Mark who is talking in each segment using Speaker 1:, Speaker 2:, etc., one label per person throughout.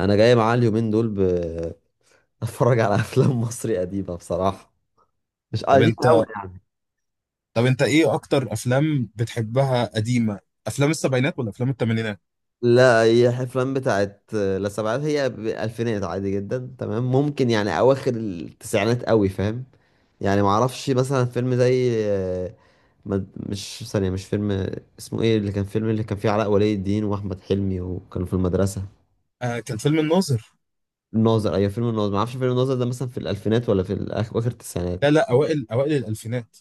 Speaker 1: انا جاي معاه اليومين دول اتفرج على افلام مصري قديمه بصراحه. مش
Speaker 2: طب
Speaker 1: قديمه قوي
Speaker 2: انت
Speaker 1: يعني.
Speaker 2: طب انت ايه اكتر افلام بتحبها قديمه؟ افلام السبعينات ولا افلام الثمانينات؟
Speaker 1: لا، هي افلام بتاعت لا سبعات، هي الفينات عادي جدا، تمام، ممكن يعني اواخر التسعينات، قوي فاهم. يعني ما اعرفش مثلا فيلم زي مش ثانيه، مش فيلم اسمه ايه اللي كان فيلم اللي كان فيه علاء ولي الدين واحمد حلمي وكانوا في المدرسه.
Speaker 2: آه، كان فيلم الناظر.
Speaker 1: الناظر، ايوه، فيلم الناظر. ما اعرفش فيلم الناظر ده مثلا في الالفينات ولا في اواخر
Speaker 2: لا،
Speaker 1: التسعينات.
Speaker 2: لا، اوائل الالفينات.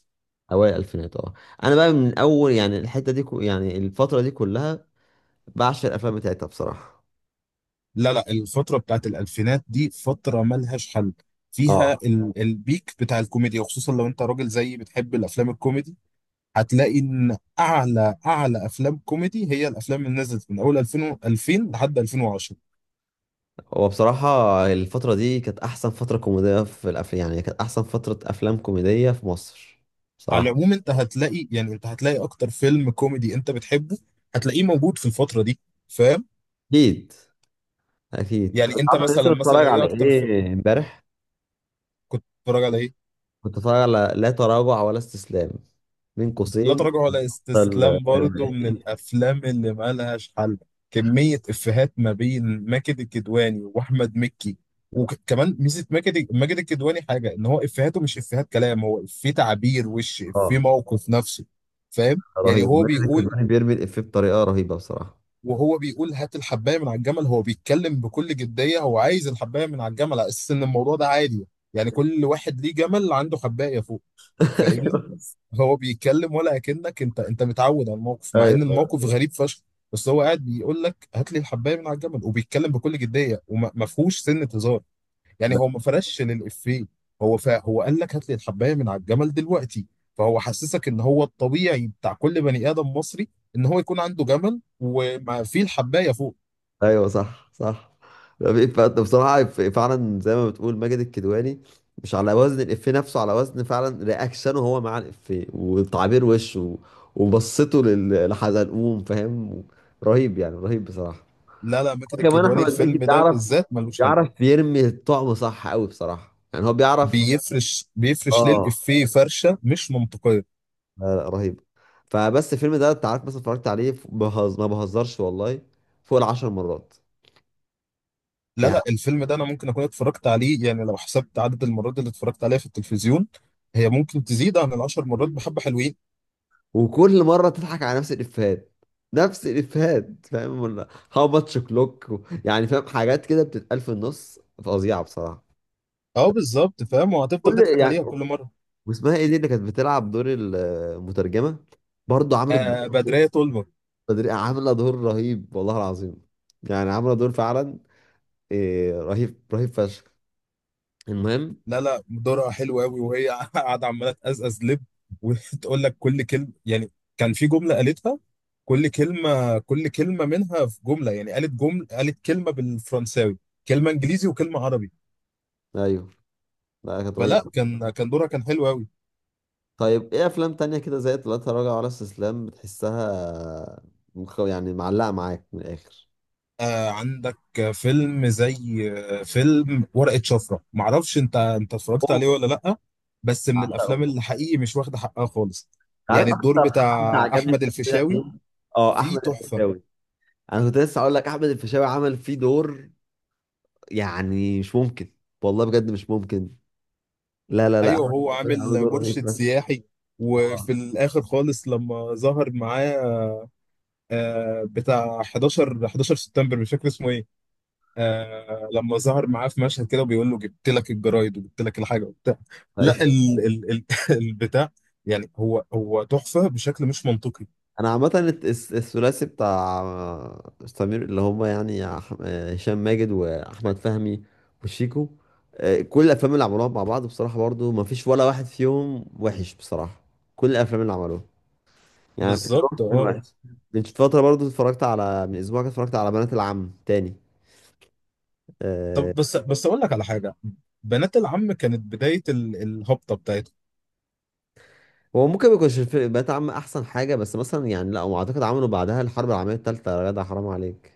Speaker 1: اوائل الالفينات، اه. انا بقى من اول يعني الحته دي كو، يعني الفتره دي كلها بعشق الافلام بتاعتها بصراحه.
Speaker 2: لا، لا، الفتره بتاعت الالفينات دي فتره ملهاش حل. فيها
Speaker 1: اه.
Speaker 2: البيك بتاع الكوميديا، وخصوصا لو انت راجل زيي بتحب الافلام الكوميدي. هتلاقي ان اعلى افلام كوميدي هي الافلام اللي نزلت من اول 2000 لحد 2010.
Speaker 1: هو بصراحه الفتره دي كانت احسن فتره كوميديه في الافلام، يعني كانت احسن فتره افلام كوميديه في مصر
Speaker 2: على
Speaker 1: بصراحه.
Speaker 2: العموم، انت هتلاقي اكتر فيلم كوميدي انت بتحبه، هتلاقيه موجود في الفتره دي، فاهم؟
Speaker 1: اكيد، اكيد.
Speaker 2: يعني
Speaker 1: طب
Speaker 2: انت
Speaker 1: عارف انا
Speaker 2: مثلا
Speaker 1: لسه
Speaker 2: مثلا
Speaker 1: بتفرج
Speaker 2: ايه
Speaker 1: على
Speaker 2: اكتر في
Speaker 1: ايه امبارح؟
Speaker 2: كنت بتتفرج على ايه؟
Speaker 1: كنت بتفرج على لا تراجع ولا استسلام، بين
Speaker 2: لا
Speaker 1: قوسين.
Speaker 2: تراجع ولا
Speaker 1: ال-
Speaker 2: استسلام برضو من الافلام اللي مالهاش حل. كمية افيهات ما بين ماجد الكدواني واحمد مكي. وكمان ميزة ماجد الكدواني حاجة، ان هو افيهاته مش افيهات كلام، هو افيه تعبير وش، افيه
Speaker 1: اه،
Speaker 2: موقف نفسي. فاهم؟ يعني
Speaker 1: رهيب.
Speaker 2: هو
Speaker 1: ماجد
Speaker 2: بيقول.
Speaker 1: الكدواني بيرمي الافيه بطريقه رهيبه بصراحه.
Speaker 2: وهو بيقول هات الحباية من على الجمل، هو بيتكلم بكل جدية، هو عايز الحباية من على الجمل على اساس ان الموضوع ده عادي. يعني كل واحد ليه جمل عنده حباية فوق. فاهمني؟ هو بيتكلم ولا اكنك انت متعود على الموقف، مع ان
Speaker 1: ايوه،
Speaker 2: الموقف غريب فشخ. بس هو قاعد بيقول لك هات لي الحبايه من على الجمل، وبيتكلم بكل جديه، وما فيهوش سنه هزار، يعني هو ما فرش للافيه. هو قال لك هات لي الحبايه من على الجمل دلوقتي. فهو حسسك ان هو الطبيعي بتاع كل بني ادم مصري، ان هو يكون عنده جمل وما فيه الحبايه فوق.
Speaker 1: ايوه، صح صح. لا، في بصراحه فعلا زي ما بتقول ماجد الكدواني، مش على وزن الإفيه نفسه، على وزن فعلا رياكشنه هو مع الإفيه وتعبير وشه وبصته لحزلقوم فاهم. رهيب يعني، رهيب بصراحه.
Speaker 2: لا، لا، ماجد
Speaker 1: كمان
Speaker 2: الكدواني
Speaker 1: احمد مكي
Speaker 2: الفيلم ده
Speaker 1: بيعرف
Speaker 2: بالذات ملوش حل.
Speaker 1: بيعرف يرمي الطعم صح قوي بصراحه، يعني هو بيعرف.
Speaker 2: بيفرش
Speaker 1: اه.
Speaker 2: للافيه فرشه مش منطقيه.
Speaker 1: لا لا، رهيب. فبس الفيلم ده انت عارف مثلا اتفرجت عليه ما بهزرش والله، فوق العشر مرات.
Speaker 2: لا، لا، الفيلم ده انا ممكن اكون اتفرجت عليه، يعني لو حسبت عدد المرات اللي اتفرجت عليها في التلفزيون، هي ممكن تزيد عن العشر مرات بحبة حلوين.
Speaker 1: وكل مره تضحك على نفس الافيهات، نفس الافيهات فاهم، ولا هاو ماتش كلوك يعني، فاهم، حاجات كده بتتقال في النص فظيعه بصراحه.
Speaker 2: اه، بالظبط، فاهم، وهتفضل
Speaker 1: كل
Speaker 2: تضحك
Speaker 1: يعني.
Speaker 2: عليها كل مرة.
Speaker 1: واسمها ايه دي اللي كانت بتلعب دور المترجمه؟ برضه عملت دور
Speaker 2: آه،
Speaker 1: رهيب.
Speaker 2: بدرية تولمر.
Speaker 1: عامله دور رهيب والله العظيم. يعني عامله دور فعلا إيه، رهيب، رهيب فشخ. المهم.
Speaker 2: لا، لا، دورها حلو قوي وهي قاعدة عمالة تقزقز لب، وتقول لك كل كلمة، يعني كان في جملة قالتها، كل كلمة منها في جملة، يعني قالت جملة، قالت كلمة بالفرنساوي، كلمة انجليزي، وكلمة عربي.
Speaker 1: ايوه، لا كانت
Speaker 2: فلا،
Speaker 1: رهيبه.
Speaker 2: كان دورها كان حلو قوي.
Speaker 1: طيب ايه افلام تانية كده زي لا تراجع ولا استسلام بتحسها يعني معلقه معاك من الاخر؟
Speaker 2: آه، عندك فيلم زي، فيلم ورقة شفرة، معرفش انت اتفرجت عليه ولا لأ، بس من الافلام
Speaker 1: بعشقه.
Speaker 2: اللي حقيقي مش واخدة حقها خالص.
Speaker 1: عارف
Speaker 2: يعني الدور
Speaker 1: اكتر حد
Speaker 2: بتاع
Speaker 1: عجبني
Speaker 2: احمد
Speaker 1: في الفيلم
Speaker 2: الفيشاوي
Speaker 1: عموماً؟ اه،
Speaker 2: فيه
Speaker 1: احمد
Speaker 2: تحفة.
Speaker 1: الفيشاوي. انا كنت لسه اقول لك احمد الفيشاوي عمل فيه دور يعني مش ممكن، والله بجد مش ممكن. لا لا لا،
Speaker 2: ايوه،
Speaker 1: احمد
Speaker 2: هو
Speaker 1: الفيشاوي عمل
Speaker 2: عامل
Speaker 1: دور
Speaker 2: مرشد
Speaker 1: رهيب.
Speaker 2: سياحي، وفي
Speaker 1: اه،
Speaker 2: الاخر خالص لما ظهر معاه بتاع 11 11 سبتمبر، مش فاكر اسمه إيه. آه، لما ظهر معاه في مشهد كده، وبيقول له جبت لك الجرايد وجبت لك الحاجه وبتاع،
Speaker 1: أيوة.
Speaker 2: لا، ال ال ال البتاع، يعني هو تحفه بشكل مش منطقي.
Speaker 1: انا عامه الثلاثي بتاع سمير اللي هم يعني هشام ماجد واحمد فهمي وشيكو. كل الافلام اللي عملوها مع بعض بصراحه برضو ما فيش ولا واحد فيهم وحش بصراحه. كل الافلام اللي عملوها يعني فكرهم
Speaker 2: بالظبط.
Speaker 1: من
Speaker 2: اه
Speaker 1: واحد. من فترة برضو اتفرجت، على من اسبوع كده اتفرجت على بنات العم تاني، آه.
Speaker 2: طب، بس اقول لك على حاجه. بنات العم كانت بدايه الهبطه بتاعتهم.
Speaker 1: هو ممكن ما يكونش بنات العم احسن حاجة، بس مثلا يعني لا هو اعتقد عملوا بعدها الحرب العالمية التالتة يا جدع حرام عليك.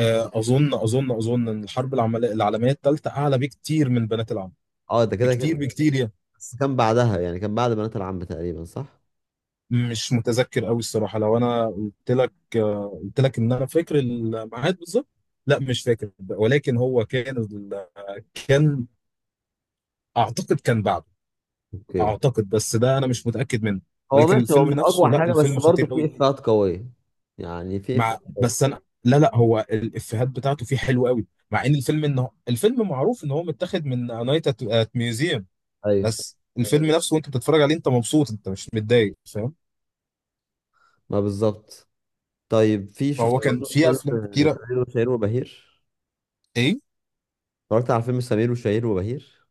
Speaker 2: اظن ان الحرب العالميه الثالثه اعلى بكتير من بنات العم.
Speaker 1: اه، ده كده
Speaker 2: بكتير
Speaker 1: كده.
Speaker 2: بكتير يعني.
Speaker 1: بس كان بعدها يعني، كان بعد بنات العم تقريبا صح؟
Speaker 2: مش متذكر قوي الصراحه، لو انا قلت لك قلت لك ان انا فاكر الميعاد بالظبط. لا، مش فاكر، ولكن هو كان، اعتقد كان بعده.
Speaker 1: اوكي.
Speaker 2: اعتقد، بس ده انا مش متاكد منه.
Speaker 1: هو
Speaker 2: ولكن
Speaker 1: ماشي، هو
Speaker 2: الفيلم
Speaker 1: مش
Speaker 2: نفسه،
Speaker 1: اقوى
Speaker 2: لا
Speaker 1: حاجة بس
Speaker 2: الفيلم خطير
Speaker 1: برضو في
Speaker 2: قوي.
Speaker 1: افيهات قوية، يعني في افيهات
Speaker 2: بس
Speaker 1: قوية.
Speaker 2: انا، لا، لا، هو الافيهات بتاعته فيه حلوه قوي، مع ان الفيلم معروف ان هو متاخد من نايت ات ميوزيوم.
Speaker 1: ايوه،
Speaker 2: بس الفيلم نفسه وانت بتتفرج عليه، انت مبسوط، انت مش متضايق، فاهم؟
Speaker 1: ما بالظبط. طيب في شفت
Speaker 2: فهو كان
Speaker 1: برضو
Speaker 2: فيه
Speaker 1: فيلم
Speaker 2: افلام كتيره.
Speaker 1: سمير وشهير وبهير.
Speaker 2: ايه؟
Speaker 1: اتفرجت على فيلم سمير وشهير وبهير.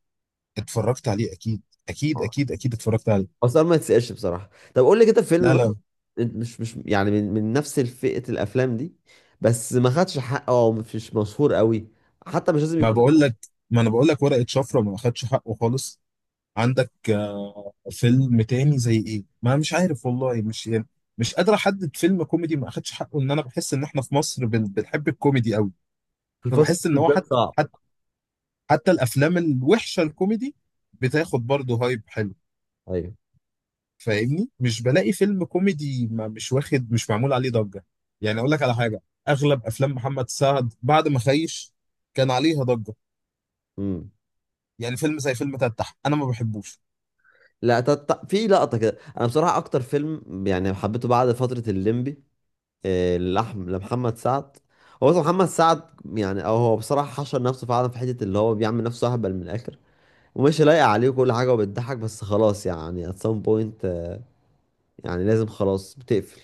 Speaker 2: اتفرجت عليه اكيد، اكيد، اكيد، اكيد اتفرجت عليه.
Speaker 1: هو السؤال ما يتسألش بصراحة. طب قول لي كده فيلم
Speaker 2: لا،
Speaker 1: مثلا
Speaker 2: لا،
Speaker 1: انت مش يعني من نفس فئة الأفلام دي بس ما خدش حقه أو مش مشهور قوي، حتى مش لازم
Speaker 2: ما
Speaker 1: يكون
Speaker 2: بقول لك ما انا بقول لك ورقة شفرة ما اخدش حقه خالص. عندك فيلم تاني زي ايه، ما مش عارف والله، مش يعني، مش قادر احدد فيلم كوميدي ما اخدش حقه، ان انا بحس ان احنا في مصر بنحب الكوميدي قوي.
Speaker 1: في الفترة
Speaker 2: فبحس ان
Speaker 1: دي
Speaker 2: هو
Speaker 1: ده
Speaker 2: حتى
Speaker 1: صعب.
Speaker 2: حتى حتى الافلام الوحشة الكوميدي بتاخد برضه هايب حلو.
Speaker 1: أيوه.
Speaker 2: فاهمني؟ مش بلاقي فيلم كوميدي ما مش واخد مش معمول عليه ضجة. يعني اقول لك على حاجة، اغلب افلام محمد سعد بعد ما خيش كان عليها ضجة.
Speaker 1: امم
Speaker 2: يعني فيلم زي فيلم تتح انا ما بحبوش.
Speaker 1: لا، في لقطة كده، أنا بصراحة أكتر فيلم يعني حبيته بعد فترة الليمبي لمحمد سعد. هو أصلا محمد سعد يعني، أو هو بصراحة حشر نفسه فعلا في حتة اللي هو بيعمل نفسه أهبل من الآخر ومش لايق عليه كل حاجة، وبتضحك بس خلاص يعني at some point. يعني لازم خلاص بتقفل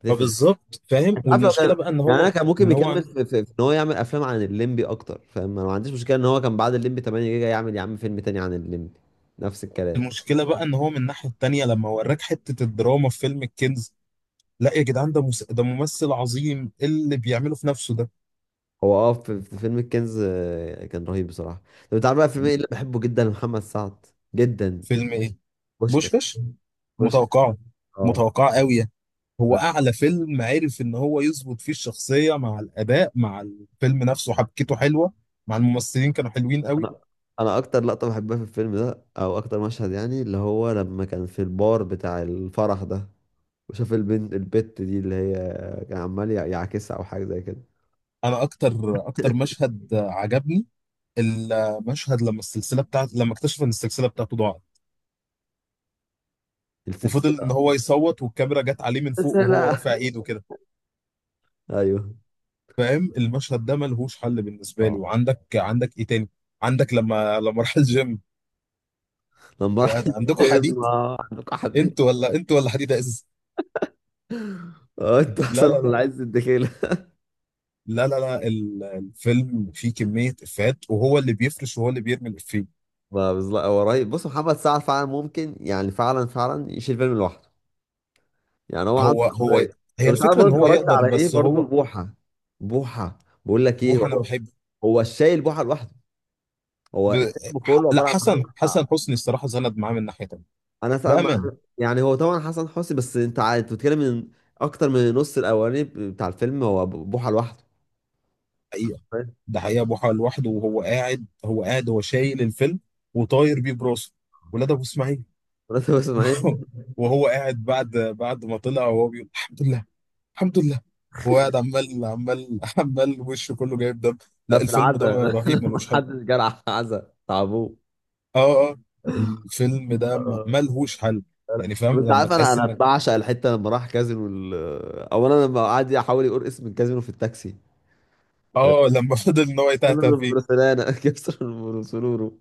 Speaker 1: بتقفل
Speaker 2: فبالظبط فاهم،
Speaker 1: انت عارف لو كان
Speaker 2: والمشكلة بقى ان
Speaker 1: يعني، انا
Speaker 2: هو
Speaker 1: كان ممكن
Speaker 2: ان هو
Speaker 1: يكمل في ان هو يعمل افلام عن الليمبي اكتر فاهم، انا ما عنديش مشكله ان هو كان بعد الليمبي 8 جيجا يعمل يا عم فيلم تاني عن الليمبي. نفس الكلام.
Speaker 2: المشكلة بقى ان هو من الناحية التانية، لما وراك حتة الدراما في فيلم الكنز. لا يا جدعان، ده ده ممثل عظيم، إيه اللي بيعمله في نفسه ده؟
Speaker 1: هو في فيلم الكنز كان رهيب بصراحه. طب انت عارف بقى فيلم ايه اللي بحبه جدا لمحمد سعد؟ جدا.
Speaker 2: فيلم ايه؟
Speaker 1: بوشكاش.
Speaker 2: بوشكاش.
Speaker 1: بوشكاش.
Speaker 2: متوقعة،
Speaker 1: اه،
Speaker 2: متوقعة قوي. هو
Speaker 1: ده.
Speaker 2: اعلى فيلم عرف ان هو يظبط فيه الشخصيه مع الاداء مع الفيلم نفسه، حبكته حلوه، مع الممثلين كانوا حلوين قوي.
Speaker 1: انا انا اكتر لقطه بحبها في الفيلم ده، او اكتر مشهد يعني، اللي هو لما كان في البار بتاع الفرح ده وشاف البنت البت دي اللي هي، كان عمال يعاكسها او حاجه زي كده.
Speaker 2: انا اكتر مشهد عجبني، المشهد لما اكتشف ان السلسله بتاعته ضاعت، وفضل ان
Speaker 1: السلسله،
Speaker 2: هو يصوت، والكاميرا جت عليه من فوق وهو
Speaker 1: السلسله.
Speaker 2: رافع ايده كده.
Speaker 1: ايوه.
Speaker 2: فاهم؟ المشهد ده ملهوش حل بالنسبه لي.
Speaker 1: اه،
Speaker 2: وعندك ايه تاني؟ عندك لما راح الجيم
Speaker 1: لما راح
Speaker 2: وقعد، عندكم
Speaker 1: الجيم.
Speaker 2: حديد؟
Speaker 1: عندك قاعدين.
Speaker 2: انتوا ولا انتوا ولا حديد يا ازاز.
Speaker 1: اه، انت
Speaker 2: لا،
Speaker 1: احسن
Speaker 2: لا،
Speaker 1: ولا عايز الدخيله.
Speaker 2: لا، لا، لا، الفيلم فيه كمية إفيهات، وهو اللي بيفرش وهو اللي بيرمي الإفيه.
Speaker 1: ما بالظبط، هو رهيب. بص محمد سعد فعلا ممكن يعني، فعلا فعلا يشيل فيلم لوحده، يعني هو عنده
Speaker 2: هو هو
Speaker 1: قابليه.
Speaker 2: هي
Speaker 1: طب انت عارف
Speaker 2: الفكرة إن
Speaker 1: برضه
Speaker 2: هو
Speaker 1: اتفرجت
Speaker 2: يقدر،
Speaker 1: على ايه؟
Speaker 2: بس
Speaker 1: برضه
Speaker 2: هو.
Speaker 1: بوحه. بوحه. بقول لك ايه،
Speaker 2: بوح أنا
Speaker 1: هو
Speaker 2: بحب،
Speaker 1: هو الشايل بوحه لوحده. هو
Speaker 2: ب...
Speaker 1: الفيلم كله
Speaker 2: لا،
Speaker 1: عباره عن محمد
Speaker 2: حسن
Speaker 1: سعد.
Speaker 2: حسن حسني الصراحة زند معاه من ناحية تانية.
Speaker 1: انا سا... ما-
Speaker 2: بأمانة.
Speaker 1: يعني هو طبعا حسن حسني، بس انت انت بتتكلم من اكتر من نص الاولاني بتاع الفيلم، هو بوحه لوحده.
Speaker 2: حقيقة،
Speaker 1: فاهم.
Speaker 2: ده حقيقة بوحة لوحده، وهو قاعد هو شايل الفيلم وطاير بيه براسه. ولاد أبو إسماعيل.
Speaker 1: مرات اسماعيل.
Speaker 2: وهو قاعد بعد ما طلع وهو بيقول الحمد لله، الحمد لله. هو قاعد عمال عمال عمال، وشه كله جايب دم.
Speaker 1: لا،
Speaker 2: لا،
Speaker 1: في
Speaker 2: الفيلم ده
Speaker 1: العزا
Speaker 2: رهيب ملوش
Speaker 1: لما
Speaker 2: حل.
Speaker 1: حد جرح عزا تعبوه.
Speaker 2: اه، اه، الفيلم ده
Speaker 1: آه.
Speaker 2: ملهوش حل. يعني
Speaker 1: طب
Speaker 2: فاهم
Speaker 1: انت
Speaker 2: لما
Speaker 1: عارف انا
Speaker 2: تحس
Speaker 1: انا
Speaker 2: انك.
Speaker 1: بعشق الحته لما راح كازينو اولا لما قعد يحاول يقول اسم الكازينو في التاكسي،
Speaker 2: اه، لما فضل ان هو يتهته
Speaker 1: كازينو
Speaker 2: فيه.
Speaker 1: برسلانا كسر برسلورو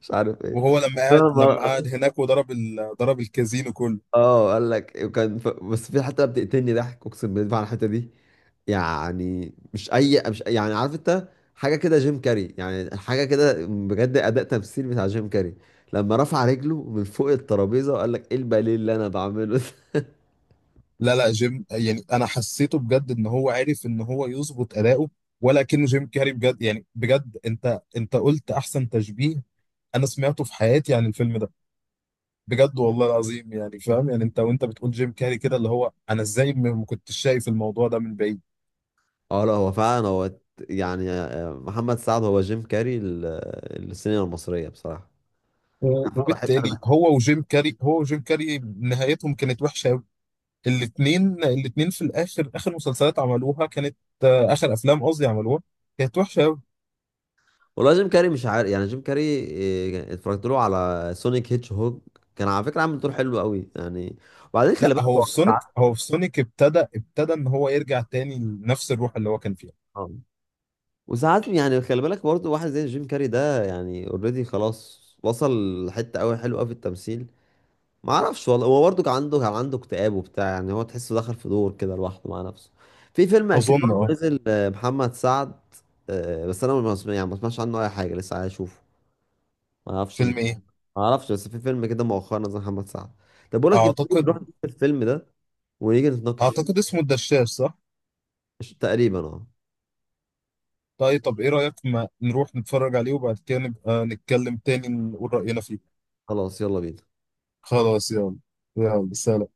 Speaker 1: مش عارف ايه.
Speaker 2: وهو لما قعد لما
Speaker 1: انا
Speaker 2: قعد هناك، وضرب ضرب الكازينو كله.
Speaker 1: اه قال لك وكان بس في حتة بتقتلني ضحك، اقسم بالله على الحتة دي. يعني مش اي مش، يعني عارف انت، حاجة كده جيم كاري، يعني حاجة كده بجد اداء تمثيل بتاع جيم كاري لما رفع رجله من فوق الترابيزة وقال لك ايه الباليه اللي انا بعمله ده.
Speaker 2: لا، لا، جيم يعني، انا حسيته بجد ان هو عرف ان هو يظبط اداؤه، ولا كأنه جيم كاري بجد، يعني بجد انت قلت احسن تشبيه انا سمعته في حياتي عن الفيلم ده، بجد والله العظيم، يعني فاهم، يعني انت وانت بتقول جيم كاري كده، اللي هو انا ازاي ما كنتش شايف الموضوع ده من بعيد.
Speaker 1: اه، لا هو فعلا هو يعني محمد سعد هو جيم كاري السينما المصرية بصراحة. أنا بحب
Speaker 2: وبالتالي
Speaker 1: انا.
Speaker 2: هو وجيم كاري نهايتهم كانت وحشه قوي. الاثنين الاثنين في الاخر، اخر مسلسلات عملوها كانت، آه، اخر افلام قصدي عملوها كانت وحشه قوي.
Speaker 1: والله جيم كاري مش عارف يعني، جيم كاري إيه، اتفرجت له على سونيك هيتش هوج، كان على فكره عامل دور حلو قوي يعني. وبعدين
Speaker 2: لا،
Speaker 1: خلي بالك
Speaker 2: هو
Speaker 1: هو
Speaker 2: في سونيك
Speaker 1: ساعات.
Speaker 2: هو في سونيك ابتدى ان هو يرجع تاني لنفس الروح اللي هو كان فيها.
Speaker 1: آه. وساعات يعني، خلي بالك برضه، واحد زي جيم كاري ده يعني اوريدي خلاص وصل لحته قوي حلوه قوي في التمثيل، ما اعرفش والله. هو برضه كان عنده اكتئاب وبتاع، يعني هو تحسه دخل في دور كده لوحده مع نفسه. في فيلم اخير
Speaker 2: اظن،
Speaker 1: برضه نزل محمد سعد. بس انا ما سمع- يعني ما سمعتش عنه اي حاجه، لسه عايز اشوفه. ما اعرفش ما
Speaker 2: فيلم ايه؟
Speaker 1: اعرفش بس في فيلم كده مؤخرا نزل محمد سعد. طب بقول لك إيه، نروح
Speaker 2: اعتقد
Speaker 1: نشوف الفيلم ده ونيجي نتناقش فيه.
Speaker 2: اعتقد اسمه الدشاش، صح؟
Speaker 1: تقريبا اه.
Speaker 2: طيب، ايه رايك ما نروح نتفرج عليه وبعد كده نبقى نتكلم تاني نقول راينا فيه.
Speaker 1: خلاص يلا بينا.
Speaker 2: خلاص يلا. يلا، سلام.